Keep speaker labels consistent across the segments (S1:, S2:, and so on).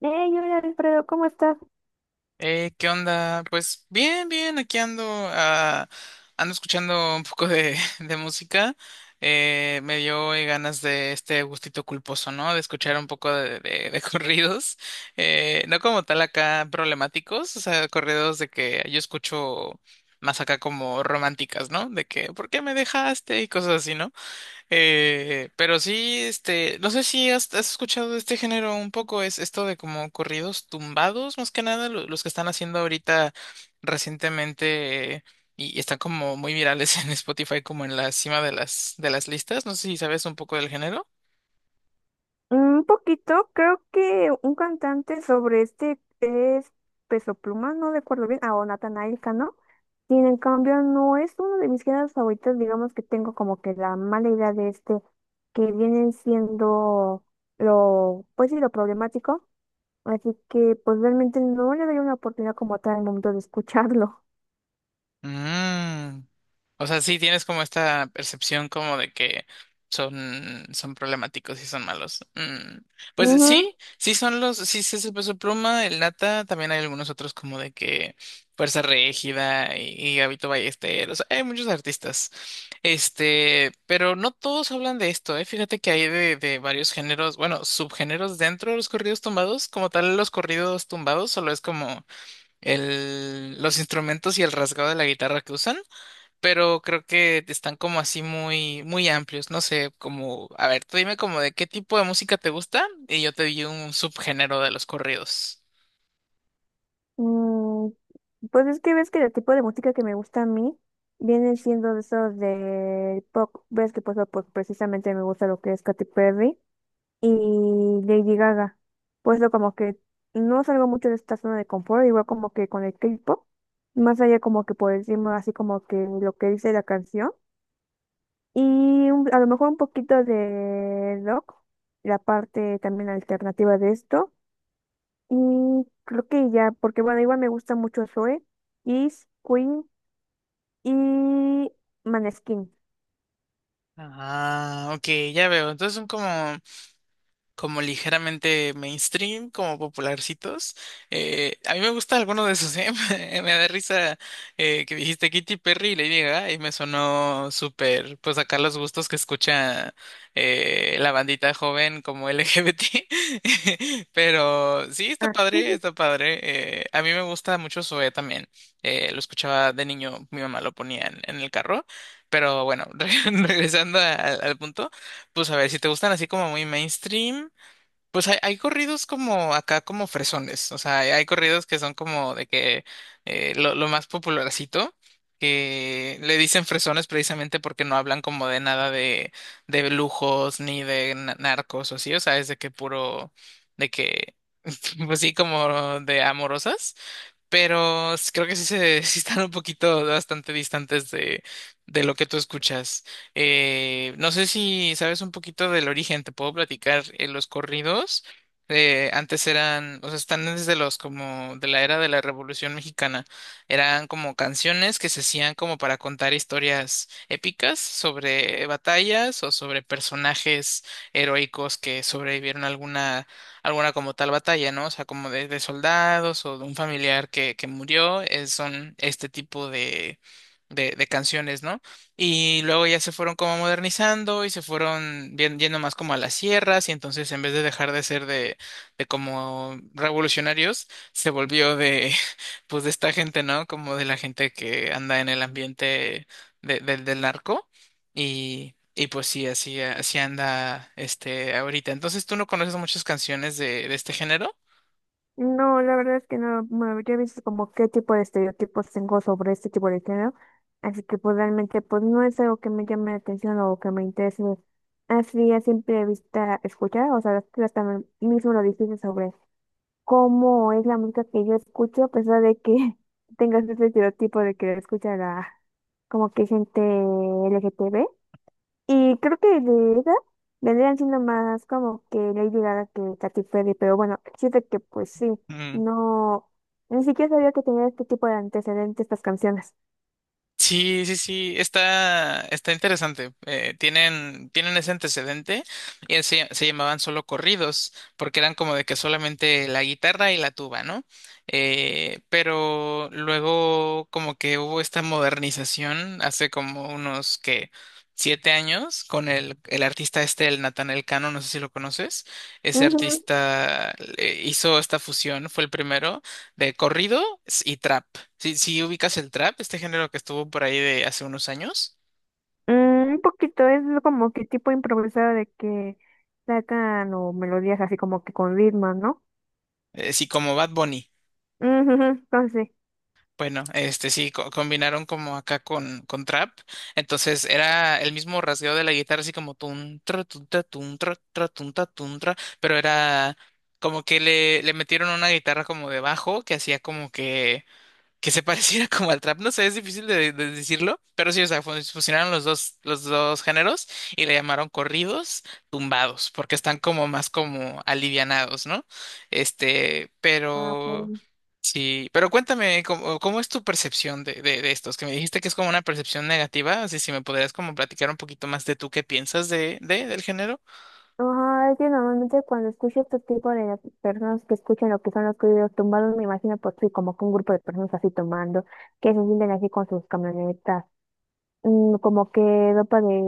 S1: Hey, hola Alfredo, ¿cómo estás?
S2: ¿Qué onda? Pues bien, bien, aquí ando, ah, ando escuchando un poco de música. Me dio ganas de este gustito culposo, ¿no? De escuchar un poco de corridos. No como tal acá problemáticos, o sea, corridos de que yo escucho más acá como románticas, ¿no? De que, ¿por qué me dejaste? Y cosas así, ¿no? Pero sí, este, no sé si has escuchado de este género un poco, es esto de como corridos tumbados, más que nada, los que están haciendo ahorita recientemente y están como muy virales en Spotify, como en la cima de las listas. No sé si sabes un poco del género.
S1: Un poquito, creo que un cantante sobre este es Peso Pluma, no recuerdo bien, o Natanael Cano. Sin en cambio, no es uno de mis géneros favoritos, digamos que tengo como que la mala idea de que vienen siendo lo, pues sí, lo problemático. Así que pues realmente no le doy una oportunidad como tal al momento de escucharlo.
S2: Mm. O sea, sí tienes como esta percepción como de que son problemáticos y son malos. Mm. Pues
S1: Ujú.
S2: sí, sí son los, sí, sí es el Peso Pluma, el nata, también hay algunos otros como de que Fuerza Régida y Gabito Ballesteros, hay muchos artistas. Este, pero no todos hablan de esto, ¿eh? Fíjate que hay de varios géneros, bueno, subgéneros dentro de los corridos tumbados, como tal los corridos tumbados, solo es como los instrumentos y el rasgado de la guitarra que usan, pero creo que están como así muy, muy amplios. No sé, como, a ver, tú dime como de qué tipo de música te gusta y yo te di un subgénero de los corridos.
S1: Mm, pues es que ves que el tipo de música que me gusta a mí viene siendo de esos de pop. Ves que pues precisamente me gusta lo que es Katy Perry y Lady Gaga. Pues lo como que no salgo mucho de esta zona de confort, igual como que con el K-pop, más allá como que por encima así como que lo que dice la canción y a lo mejor un poquito de rock, la parte también alternativa de esto. Y creo que ya, porque bueno, igual me gusta mucho Zoe, Kiss, Queen y Maneskin.
S2: Ah, ok, ya veo. Entonces son como ligeramente mainstream, como popularcitos. A mí me gusta alguno de esos. ¿Eh? Me da risa que dijiste Kitty Perry y Lady Gaga y me sonó súper, pues acá los gustos que escucha la bandita joven como LGBT. Pero sí, está
S1: Ah,
S2: padre,
S1: ujú.
S2: está padre. A mí me gusta mucho Zoé también. Lo escuchaba de niño, mi mamá lo ponía en el carro. Pero bueno, regresando al punto, pues a ver, si te gustan así como muy mainstream. Pues hay corridos como acá, como fresones. O sea, hay corridos que son como de que lo más popularcito, que le dicen fresones precisamente porque no hablan como de nada de lujos ni de narcos o así. O sea, es de que puro, de que, pues sí, como de amorosas pero creo que sí, sí están un poquito bastante distantes de lo que tú escuchas. No sé si sabes un poquito del origen, te puedo platicar. Los corridos antes eran, o sea, están desde los como de la era de la Revolución Mexicana. Eran como canciones que se hacían como para contar historias épicas sobre batallas o sobre personajes heroicos que sobrevivieron a alguna como tal batalla, ¿no? O sea, como de soldados o de un familiar que murió, son este tipo de canciones, ¿no? Y luego ya se fueron como modernizando y se fueron yendo más como a las sierras y entonces en vez de dejar de ser de como revolucionarios, se volvió pues de esta gente, ¿no? Como de la gente que anda en el ambiente del narco. Y pues sí, así, así anda este ahorita. Entonces, ¿tú no conoces muchas canciones de este género?
S1: No, la verdad es que no me habría visto como qué tipo de estereotipos tengo sobre este tipo de género. Así que pues realmente pues no es algo que me llame la atención o que me interese así a simple vista escuchar. O sea, las también mismo lo difícil sobre cómo es la música que yo escucho, a pesar de que tengas ese estereotipo de que escucha la, como que gente LGTB. Y creo que de esa vendrían siendo más como que Lady Gaga que Katy Perry, pero bueno, siento que pues sí,
S2: Mm.
S1: no, ni siquiera sabía que tenía este tipo de antecedentes estas canciones.
S2: Sí, sí, sí, está, está interesante. Tienen ese antecedente y se llamaban solo corridos, porque eran como de que solamente la guitarra y la tuba, ¿no? Pero luego como que hubo esta modernización hace como unos que 7 años con el artista este, el Natanael Cano, no sé si lo conoces. Ese
S1: Ujú.
S2: artista hizo esta fusión, fue el primero de corrido y trap. Si, si ubicas el trap, este género que estuvo por ahí de hace unos años,
S1: Mm, un poquito, es como que tipo improvisado de que sacan o melodías así como que con ritmo, ¿no?
S2: sí, como Bad Bunny.
S1: Ujú, ujú. Entonces,
S2: Bueno, este sí, combinaron como acá con trap. Entonces era el mismo rasgueo de la guitarra, así como tun, tra, tun, ta, tun, tra, tra, tun, ta, tun, tra, pero era como que le metieron una guitarra como de bajo que hacía como que se pareciera como al trap, no sé, es difícil de decirlo, pero sí, o sea, fusionaron los dos, géneros y le llamaron corridos tumbados, porque están como más como alivianados, ¿no? Este,
S1: ah,
S2: pero
S1: pues.
S2: sí, pero cuéntame, ¿cómo es tu percepción de estos? Que me dijiste que es como una percepción negativa, así si me podrías como platicar un poquito más de tú qué piensas del género.
S1: Ajá, es que normalmente cuando escucho este tipo de personas que escuchan lo que son los corridos tumbados, me imagino por sí, como que un grupo de personas así tomando, que se sienten así con sus camionetas, mm, como que ropa de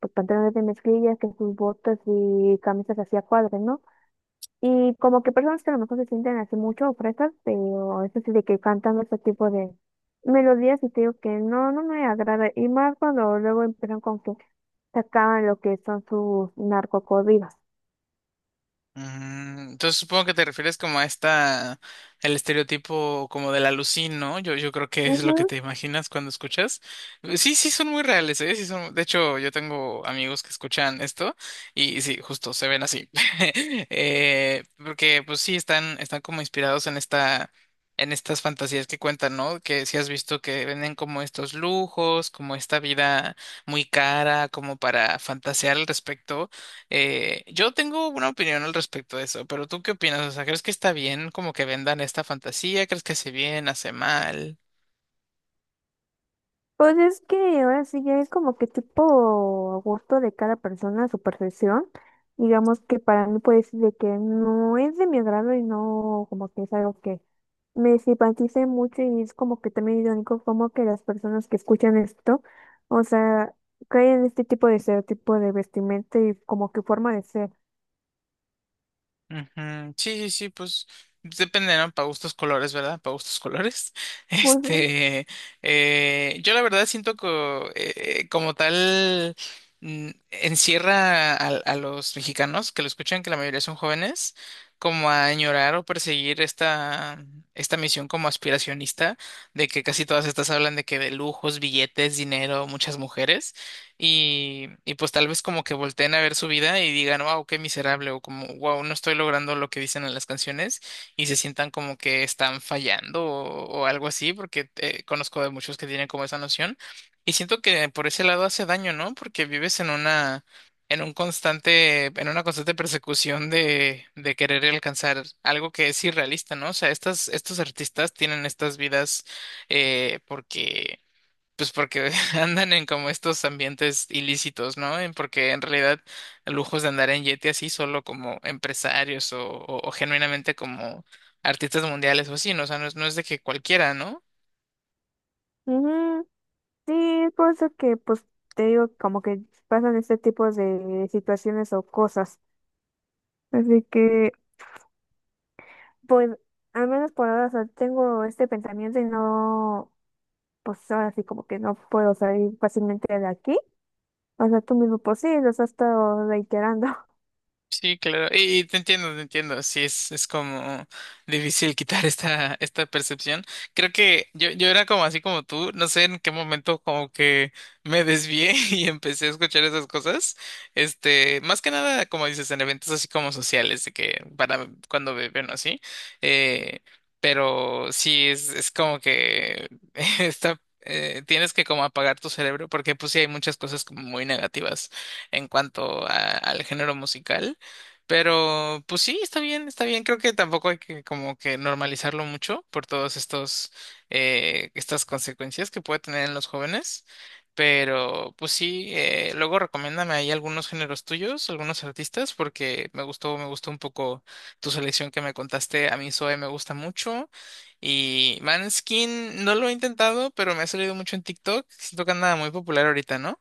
S1: pues, pantalones de mezclilla, que sus botas y camisas así a cuadros, ¿no? Y como que personas que a lo mejor se sienten así mucho fresas, pero eso sí de que cantan este tipo de melodías y te digo que no me agrada. Y más cuando luego empiezan con que sacaban lo que son sus narcocorridos.
S2: Entonces supongo que te refieres como a esta, el estereotipo como del alucín, ¿no? Yo creo que es lo que te
S1: Ujú.
S2: imaginas cuando escuchas. Sí, sí, son muy reales, ¿eh? Sí son, de hecho, yo tengo amigos que escuchan esto y sí, justo se ven así. Porque pues sí, están como inspirados en estas fantasías que cuentan, ¿no? Que si has visto que venden como estos lujos, como esta vida muy cara, como para fantasear al respecto. Yo tengo una opinión al respecto de eso, pero ¿tú qué opinas? O sea, ¿crees que está bien como que vendan esta fantasía? ¿Crees que hace bien, hace mal?
S1: Pues es que ahora sí ya es como que tipo a gusto de cada persona, su percepción. Digamos que para mí puede decir de que no es de mi agrado y no como que es algo que me simpatice mucho y es como que también irónico como que las personas que escuchan esto, o sea, caen en este tipo de estereotipo de vestimenta y como que forma de ser.
S2: Ujú, sí, sí, sí, pues depende, ¿no? Para gustos colores, ¿verdad? Para gustos colores.
S1: Ujú.
S2: Este, yo la verdad siento que como tal encierra a los mexicanos que lo escuchan, que la mayoría son jóvenes, como a añorar o perseguir esta misión como aspiracionista, de que casi todas estas hablan de que de lujos, billetes, dinero, muchas mujeres y pues tal vez como que volteen a ver su vida y digan, wow, qué miserable, o como, wow, no estoy logrando lo que dicen en las canciones y se sientan como que están fallando o algo así, porque conozco de muchos que tienen como esa noción y siento que por ese lado hace daño, ¿no? Porque vives en una constante persecución de querer alcanzar algo que es irrealista, ¿no? O sea, estos artistas tienen estas vidas porque pues porque andan en como estos ambientes ilícitos, ¿no? Porque en realidad lujos de andar en Yeti así solo como empresarios o genuinamente como artistas mundiales o así, ¿no? O sea, no es, no es de que cualquiera, ¿no?
S1: Ujú, sí, es por eso que pues te digo como que pasan este tipo de situaciones o cosas. Así que pues al menos por ahora, o sea, tengo este pensamiento y no, pues ahora sí como que no puedo salir fácilmente de aquí. O sea, tú mismo, pues sí, los has estado reiterando.
S2: Sí, claro. Y te entiendo, te entiendo. Sí, es como difícil quitar esta percepción. Creo que yo era como así como tú. No sé en qué momento como que me desvié y empecé a escuchar esas cosas. Este, más que nada, como dices, en eventos así como sociales, de que para cuando beben o así. Eh, pero sí, es como que está tienes que como apagar tu cerebro porque pues sí hay muchas cosas como muy negativas en cuanto al género musical. Pero, pues sí, está bien, está bien. Creo que tampoco hay que como que normalizarlo mucho por todos estas consecuencias que puede tener en los jóvenes. Pero, pues sí, luego recomiéndame ahí algunos géneros tuyos, algunos artistas, porque me gustó un poco tu selección que me contaste. A mí Zoe me gusta mucho. Y Manskin no lo he intentado, pero me ha salido mucho en TikTok. Siento que anda muy popular ahorita, ¿no?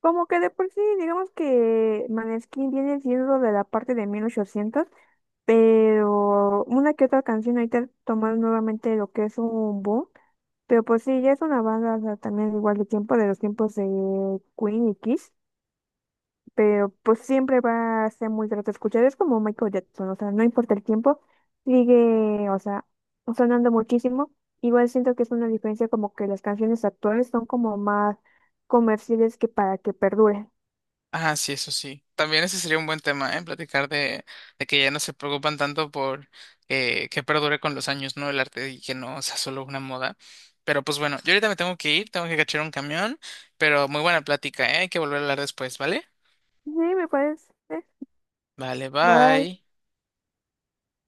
S1: Como que de por sí, digamos que Maneskin viene siendo de la parte de 1800, pero una que otra canción ahorita tomar nuevamente lo que es un boom. Pero pues sí, ya es una banda, o sea, también igual de tiempo, de los tiempos de Queen y Kiss. Pero pues siempre va a ser muy grato escuchar. Es como Michael Jackson, o sea, no importa el tiempo, sigue, o sea, sonando muchísimo. Igual siento que es una diferencia como que las canciones actuales son como más comerciales que para que perduren.
S2: Ah, sí, eso sí. También ese sería un buen tema, ¿eh? Platicar de que ya no se preocupan tanto por que perdure con los años, ¿no? El arte y que no sea solo una moda. Pero pues bueno, yo ahorita me tengo que ir, tengo que cachar un camión, pero muy buena plática, ¿eh? Hay que volver a hablar después, ¿vale?
S1: Sí, me parece.
S2: Vale,
S1: Bye.
S2: bye.